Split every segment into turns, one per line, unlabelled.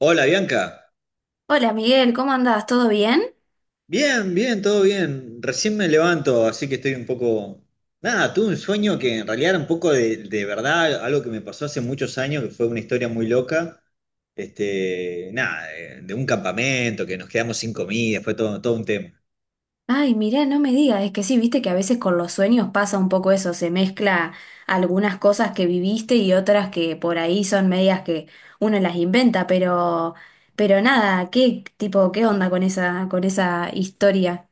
Hola Bianca,
Hola Miguel, ¿cómo andás? ¿Todo bien?
bien, bien, todo bien. Recién me levanto, así que estoy un poco... Nada, tuve un sueño que en realidad era un poco de verdad, algo que me pasó hace muchos años, que fue una historia muy loca. Este, nada, de un campamento, que nos quedamos sin comida, fue todo un tema.
Ay, mirá, no me digas, es que sí, viste que a veces con los sueños pasa un poco eso, se mezcla algunas cosas que viviste y otras que por ahí son medias que uno las inventa, pero nada, ¿qué tipo, qué onda con esa historia?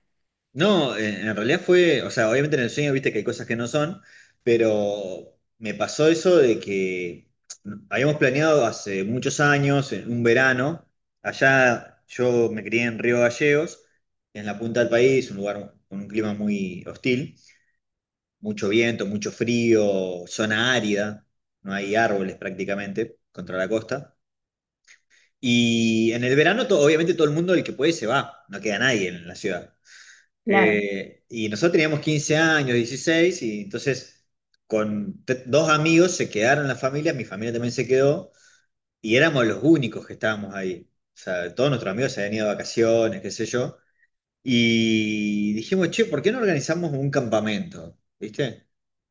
No, en realidad fue, o sea, obviamente en el sueño viste que hay cosas que no son, pero me pasó eso de que habíamos planeado hace muchos años, en un verano. Allá yo me crié en Río Gallegos, en la punta del país, un lugar con un clima muy hostil, mucho viento, mucho frío, zona árida, no hay árboles prácticamente contra la costa. Y en el verano, obviamente todo el mundo, el que puede, se va, no queda nadie en la ciudad.
Claro,
Y nosotros teníamos 15 años, 16, y entonces con dos amigos se quedaron en la familia, mi familia también se quedó, y éramos los únicos que estábamos ahí. O sea, todos nuestros amigos se habían ido de vacaciones, qué sé yo. Y dijimos, che, ¿por qué no organizamos un campamento? ¿Viste?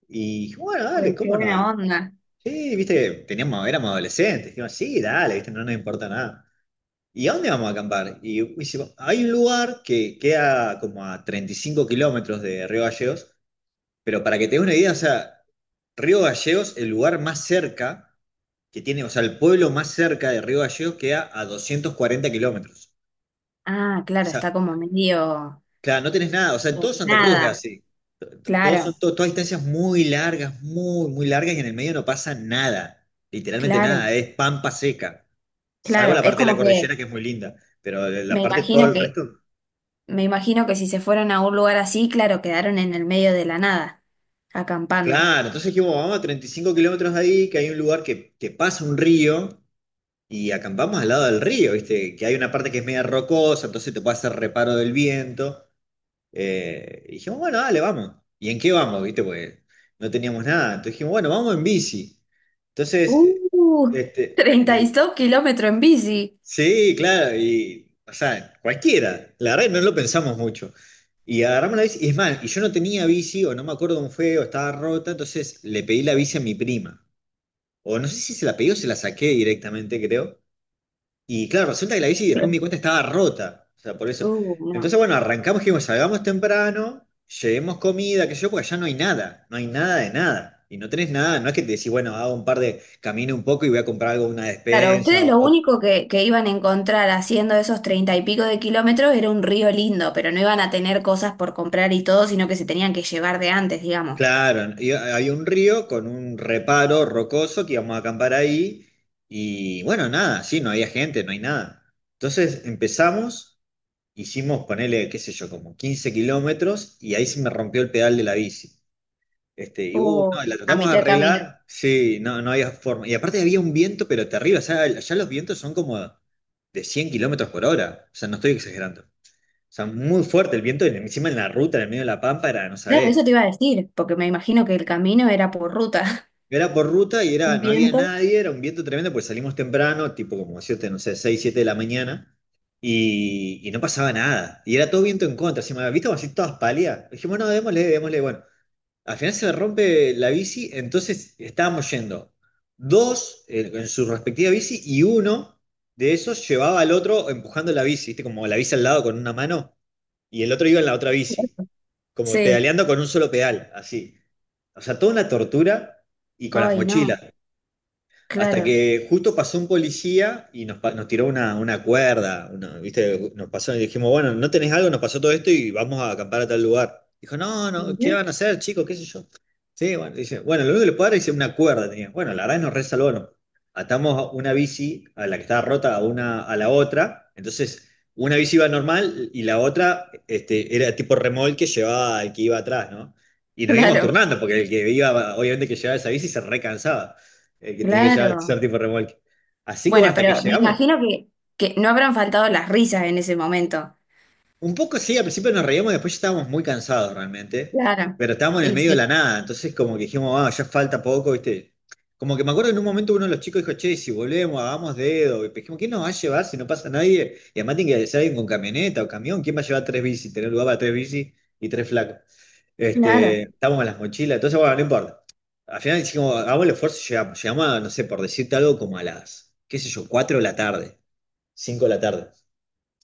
Y dijimos, bueno, dale,
uy, qué
¿cómo no?
buena
Y
onda.
sí, viste, teníamos, éramos adolescentes, dijimos, sí, dale, ¿viste? No nos importa nada. ¿Y a dónde vamos a acampar? Y dice, hay un lugar que queda como a 35 kilómetros de Río Gallegos, pero para que te des una idea, o sea, Río Gallegos, el lugar más cerca que tiene, o sea, el pueblo más cerca de Río Gallegos queda a 240 kilómetros.
Ah,
O
claro,
sea,
está como medio
claro, no tenés nada, o sea, en todo Santa Cruz es
nada.
así.
Claro,
Todas distancias muy largas, muy, muy largas, y en el medio no pasa nada, literalmente nada,
claro,
es pampa seca, salvo
claro.
la
Es
parte de la
como que
cordillera que es muy linda, pero la
me
parte, todo
imagino
el
que
resto...
Me imagino que si se fueron a un lugar así, claro, quedaron en el medio de la nada, acampando.
Claro, entonces dijimos, vamos a 35 kilómetros de ahí, que hay un lugar que pasa un río, y acampamos al lado del río, ¿viste? Que hay una parte que es media rocosa, entonces te puede hacer reparo del viento. Y dijimos, bueno, dale, vamos. ¿Y en qué vamos, viste? Porque no teníamos nada. Entonces dijimos, bueno, vamos en bici. Entonces,
Uh,
este,
treinta y
y
dos kilómetros en bici.
sí, claro, y, o sea, cualquiera, la verdad que no lo pensamos mucho. Y agarramos la bici, y es más, y yo no tenía bici, o no me acuerdo cómo fue, o estaba rota, entonces le pedí la bici a mi prima. O no sé si se la pedí o se la saqué directamente, creo. Y claro, resulta que la bici después me
Claro.
di cuenta estaba rota, o sea, por eso.
No.
Entonces, bueno, arrancamos, dijimos, salgamos temprano, llevemos comida, que yo, porque allá no hay nada, no hay nada de nada. Y no tenés nada, no es que te decís, bueno, hago un par de, camino un poco y voy a comprar algo, una
Claro,
despensa,
ustedes lo
o,
único que iban a encontrar haciendo esos treinta y pico de kilómetros era un río lindo, pero no iban a tener cosas por comprar y todo, sino que se tenían que llevar de antes, digamos.
claro, y había un río con un reparo rocoso que íbamos a acampar ahí, y bueno, nada, sí, no había gente, no hay nada. Entonces empezamos, hicimos, ponele, qué sé yo, como 15 kilómetros, y ahí se me rompió el pedal de la bici. Este, y
Oh,
no, la
a
tratamos de
mitad de camino.
arreglar, sí, no, no había forma. Y aparte había un viento, pero terrible, o sea, allá los vientos son como de 100 kilómetros por hora, o sea, no estoy exagerando. O sea, muy fuerte el viento, y encima en la ruta, en el medio de la pampa, era, no
Claro,
sabés.
eso te iba a decir, porque me imagino que el camino era por ruta.
Era por ruta y era,
Un
no había
viento.
nadie, era un viento tremendo, pues salimos temprano, tipo como siete, no sé, 6 7 de la mañana, y no pasaba nada. Y era todo viento en contra, así, ¿viste? Como así todas pálidas. Dijimos, no, démosle, démosle. Bueno, al final se me rompe la bici, entonces estábamos yendo dos, en su respectiva bici, y uno de esos llevaba al otro empujando la bici, ¿viste? Como la bici al lado con una mano, y el otro iba en la otra bici, como
Sí.
pedaleando con un solo pedal, así. O sea, toda una tortura, y con las
Ay, no,
mochilas. Hasta
claro.
que justo pasó un policía y nos, nos tiró una cuerda, ¿viste? Nos pasó y dijimos, bueno, ¿no tenés algo? Nos pasó todo esto y vamos a acampar a tal lugar. Dijo, no, no,
Mirá.
¿qué van a hacer, chicos? ¿Qué sé yo? Sí, bueno, dice, bueno, lo único que le puedo dar es una cuerda. Tenía. Bueno, la verdad nos que nos resalvaron. Atamos una bici, a la que estaba rota, a una a la otra. Entonces, una bici iba normal y la otra, este, era tipo remolque, llevaba al que iba atrás, ¿no? Y nos íbamos
Claro,
turnando, porque el que iba, obviamente, que llevaba esa bici se recansaba, el que tiene que ya
claro.
ser tipo remolque. Así que bueno,
Bueno,
hasta que
pero me
llegamos.
imagino que no habrán faltado las risas en ese momento.
Un poco sí, al principio nos reíamos, después ya estábamos muy cansados realmente,
Claro.
pero estábamos en el
Y
medio de
sí,
la nada, entonces como que dijimos, ah, ya falta poco, ¿viste? Como que me acuerdo en un momento uno de los chicos dijo, che, si volvemos, hagamos dedo, y dijimos, ¿quién nos va a llevar si no pasa nadie? Y además tiene que ser alguien con camioneta o camión, ¿quién va a llevar tres bicis? Tener lugar para tres bicis y tres flacos. Este,
claro.
estábamos con las mochilas, entonces bueno, no importa. Al final dijimos, hagamos el esfuerzo y llegamos. Llegamos a, no sé, por decirte algo, como a las, qué sé yo, 4 de la tarde. 5 de la tarde.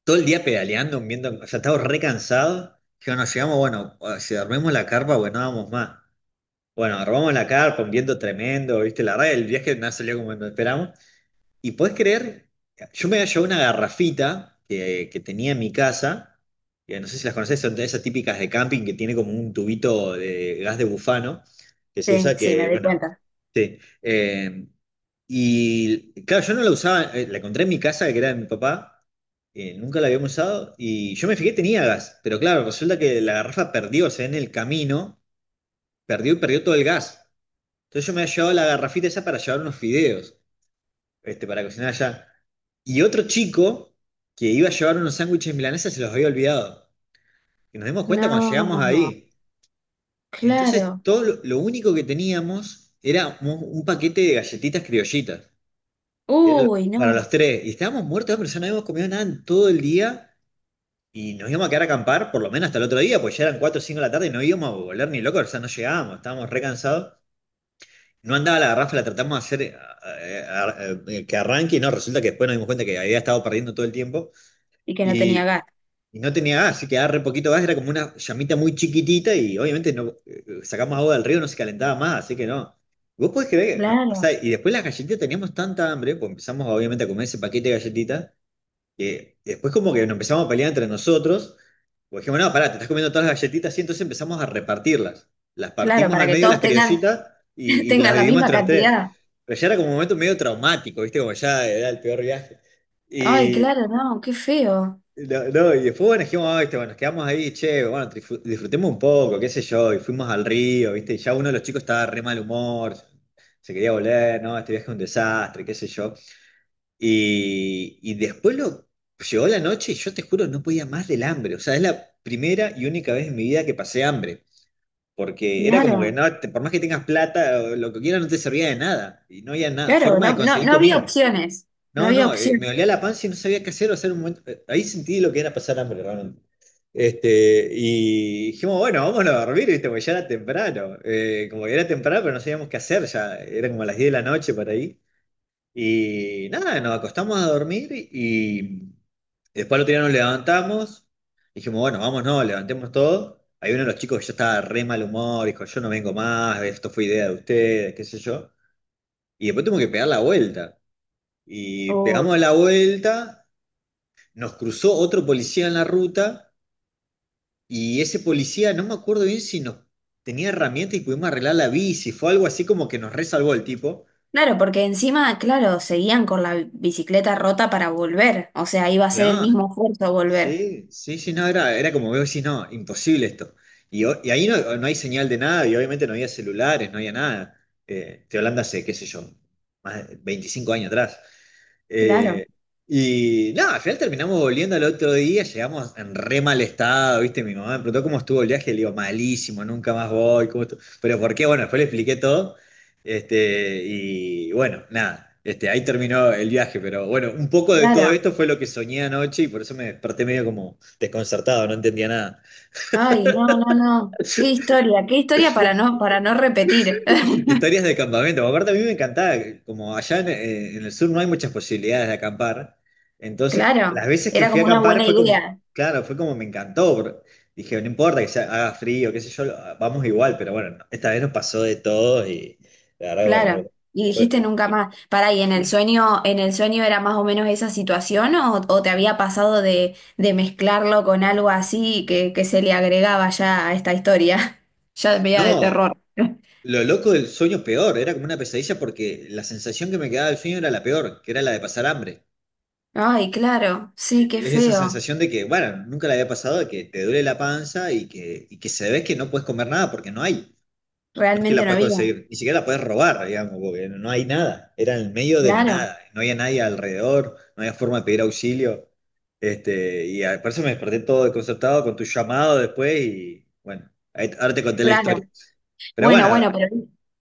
Todo el día pedaleando, viendo, o sea, estaba re cansado. Yo nos llegamos, bueno, si dormimos la carpa, bueno, no vamos más. Bueno, armamos la carpa, un viento tremendo, ¿viste? La verdad, el viaje no salió como lo esperamos. Y podés creer, yo me había llevado una garrafita que tenía en mi casa, que no sé si las conocés, son de esas típicas de camping que tiene como un tubito de gas de bufano, que se
Sí,
usa
sí,
que,
me doy
bueno,
cuenta.
sí. Y claro, yo no la usaba, la encontré en mi casa, que era de mi papá, nunca la habíamos usado, y yo me fijé, tenía gas, pero claro, resulta que la garrafa perdió, o sea, en el camino, perdió y perdió todo el gas. Entonces yo me había llevado la garrafita esa para llevar unos fideos, este, para cocinar allá. Y otro chico que iba a llevar unos sándwiches milanesas se los había olvidado. Y nos dimos cuenta cuando llegamos
No,
ahí. Entonces,
claro.
todo lo, único que teníamos era un paquete de galletitas criollitas. Era
Uy,
para
no.
los tres. Y estábamos muertos de hambre, ya no habíamos comido nada en todo el día. Y nos íbamos a quedar a acampar por lo menos hasta el otro día, pues ya eran 4 o 5 de la tarde y no íbamos a volver ni locos, o sea, no llegábamos, estábamos re cansados. No andaba la garrafa, la tratamos de hacer que arranque, y no, resulta que después nos dimos cuenta que había estado perdiendo todo el tiempo.
Y que no tenía
Y,
gas.
y no tenía gas, así que quedaba re poquito gas, era como una llamita muy chiquitita, y obviamente no, sacamos agua del río, no se calentaba más, así que no. Vos podés creer, no, o sea,
Claro,
y después las galletitas teníamos tanta hambre, pues empezamos obviamente a comer ese paquete de galletitas, que después como que nos empezamos a pelear entre nosotros, pues dijimos, no, pará, te estás comiendo todas las galletitas, y entonces empezamos a repartirlas. Las
claro,
partimos
para
al
que
medio las
todos tengan,
criollitas, y las
tengan la
dividimos
misma
entre las tres.
cantidad.
Pero ya era como un momento medio traumático, ¿viste? Como ya era el peor viaje.
Ay,
Y,
claro, no, qué feo.
no, no, y después bueno, dijimos, "Ay, este, bueno, nos quedamos ahí, che, bueno, disfrutemos un poco, qué sé yo, y fuimos al río, ¿viste? Y ya uno de los chicos estaba de re mal humor, se quería volver, no, este viaje es un desastre, qué sé yo. Y después llegó la noche, y yo te juro, no podía más del hambre. O sea, es la primera y única vez en mi vida que pasé hambre. Porque era como que,
Claro,
no, por más que tengas plata, lo que quieras no te servía de nada. Y no había nada,
claro,
forma
no,
de
no,
conseguir
no había
comida.
opciones. No
No,
había
no,
opciones.
me olía la panza y no sabía qué hacer, o sea, en un momento, ahí sentí lo que era pasar hambre, realmente. Este, y dijimos, bueno, vámonos a dormir, ¿viste? Porque ya era temprano, como que era temprano, pero no sabíamos qué hacer, ya era como a las 10 de la noche por ahí. Y nada, nos acostamos a dormir y después al otro día nos levantamos, dijimos, bueno, vámonos, levantemos todo. Hay uno de los chicos que ya estaba re mal humor, dijo, yo no vengo más, esto fue idea de ustedes, qué sé yo. Y después tuvimos que pegar la vuelta. Y pegamos
Uy.
la vuelta, nos cruzó otro policía en la ruta y ese policía, no me acuerdo bien si nos tenía herramientas y pudimos arreglar la bici, fue algo así como que nos resalvó el tipo.
Claro, porque encima, claro, seguían con la bicicleta rota para volver. O sea, iba a ser el
Claro,
mismo esfuerzo volver.
sí, sí, sí, no, era como veo, sí, no, imposible esto. Y, y ahí no, no hay señal de nada y obviamente no había celulares, no había nada. Estoy hablando hace, qué sé yo, más de 25 años atrás.
Claro,
Eh, y nada, al final terminamos volviendo al otro día, llegamos en re mal estado, ¿viste? Mi mamá me preguntó cómo estuvo el viaje, le digo, malísimo, nunca más voy, ¿cómo estuvo? Pero ¿por qué? Bueno, después le expliqué todo. Este, y bueno, nada, este, ahí terminó el viaje, pero bueno, un poco de todo
claro.
esto fue lo que soñé anoche y por eso me desperté medio como desconcertado, no entendía nada.
Ay, no, no, no. Qué historia para no repetir.
Historias de campamento. Aparte, a mí me encantaba, como allá en el sur no hay muchas posibilidades de acampar. Entonces,
Claro,
las veces que
era
fui a
como una
acampar
buena
fue como,
idea.
claro, fue como me encantó. Bro. Dije, no importa que sea, haga frío, qué sé yo, vamos igual, pero bueno, no, esta vez nos pasó de todo y la verdad, bueno, no.
Claro. Y
fue-
dijiste
eh,
nunca más. Pará, ¿y en el sueño era más o menos esa situación o te había pasado de mezclarlo con algo así que se le agregaba ya a esta historia? Ya media de
No,
terror.
lo loco del sueño peor, era como una pesadilla porque la sensación que me quedaba del sueño era la peor, que era la de pasar hambre.
Ay, claro, sí, qué
Es esa
feo.
sensación de que, bueno, nunca le había pasado de que te duele la panza y que se ve que no puedes comer nada porque no hay. No es que
Realmente
la
no
puedes
había.
conseguir, ni siquiera la puedes robar, digamos, porque no hay nada. Era en el medio de la
Claro,
nada, no había nadie alrededor, no había forma de pedir auxilio. Este, por eso me desperté todo desconcertado con tu llamado después y bueno, ahora te conté la
claro.
historia. Pero
Bueno,
bueno,
bueno, pero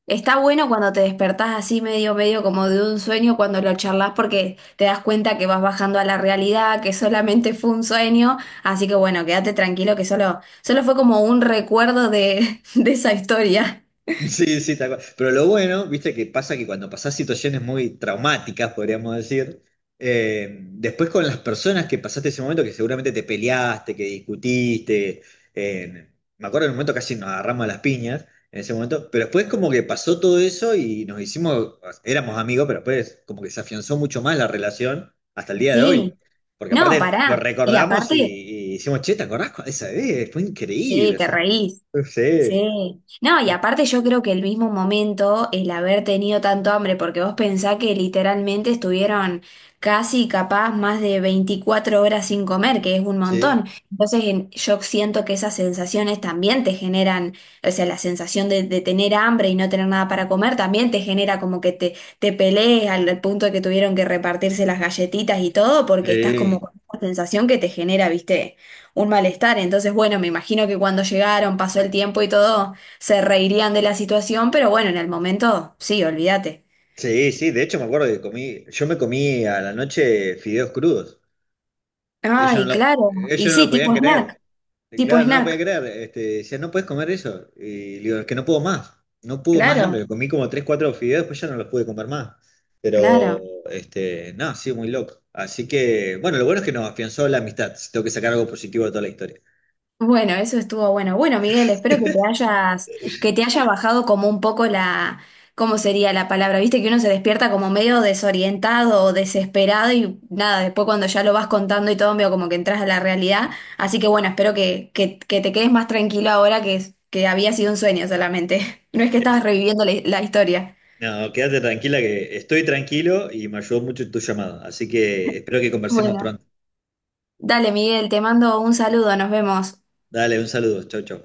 está bueno cuando te despertás así medio, medio como de un sueño cuando lo charlas porque te das cuenta que vas bajando a la realidad, que solamente fue un sueño. Así que bueno, quédate tranquilo que solo, solo fue como un recuerdo de, de esa historia.
sí, sí, tal cual. Pero lo bueno, viste, que pasa que cuando pasás situaciones muy traumáticas, podríamos decir, después con las personas que pasaste ese momento, que seguramente te peleaste, que discutiste, eh, me acuerdo en un momento casi nos agarramos a las piñas en ese momento, pero después como que pasó todo eso y nos hicimos, éramos amigos, pero después como que se afianzó mucho más la relación hasta el día de hoy.
Sí,
Porque
no,
aparte lo
pará. Y
recordamos
aparte,
y hicimos, che, ¿te acordás de esa vez? Fue
sí,
increíble, o
te
sea,
reís.
sí.
Sí, no, y aparte yo creo que el mismo momento, el haber tenido tanto hambre, porque vos pensás que literalmente estuvieron casi capaz más de 24 horas sin comer, que es un montón.
Sí.
Entonces en- yo siento que esas sensaciones también te generan, o sea, la sensación de tener hambre y no tener nada para comer también te genera como que te pelees al, al punto de que tuvieron que repartirse las galletitas y todo, porque estás como
Sí,
con una sensación que te genera, ¿viste? Un malestar. Entonces, bueno, me imagino que cuando llegaron, pasó el tiempo y todo, se reirían de la situación, pero bueno, en el momento, sí, olvídate.
sí, sí, de hecho me acuerdo que comí, yo me comí a la noche fideos crudos. Ellos
Ay,
no lo,
claro. Y
ellos no
sí,
lo podían
tipo snack,
creer. Y
tipo
claro, no lo podían
snack.
creer. Este, decían, no puedes comer eso. Y le digo, es que no puedo más. No puedo más el
Claro,
hambre. Comí como tres, cuatro fideos, después ya no los pude comer más.
claro.
Pero, este, no, sí, muy loco. Así que, bueno, lo bueno es que nos afianzó la amistad. Si tengo que sacar algo positivo de toda la historia.
Bueno, eso estuvo bueno. Bueno, Miguel, espero que te hayas, que te haya bajado como un poco la, ¿cómo sería la palabra? Viste que uno se despierta como medio desorientado o desesperado y nada, después cuando ya lo vas contando y todo, medio como que entras a la realidad. Así que bueno, espero que que te quedes más tranquilo ahora que, es- que había sido un sueño solamente. No es que estabas
Este,
reviviendo la historia.
no, quédate tranquila que estoy tranquilo y me ayudó mucho tu llamada. Así que espero que conversemos
Bueno,
pronto.
dale, Miguel, te mando un saludo, nos vemos.
Dale, un saludo. Chau, chau.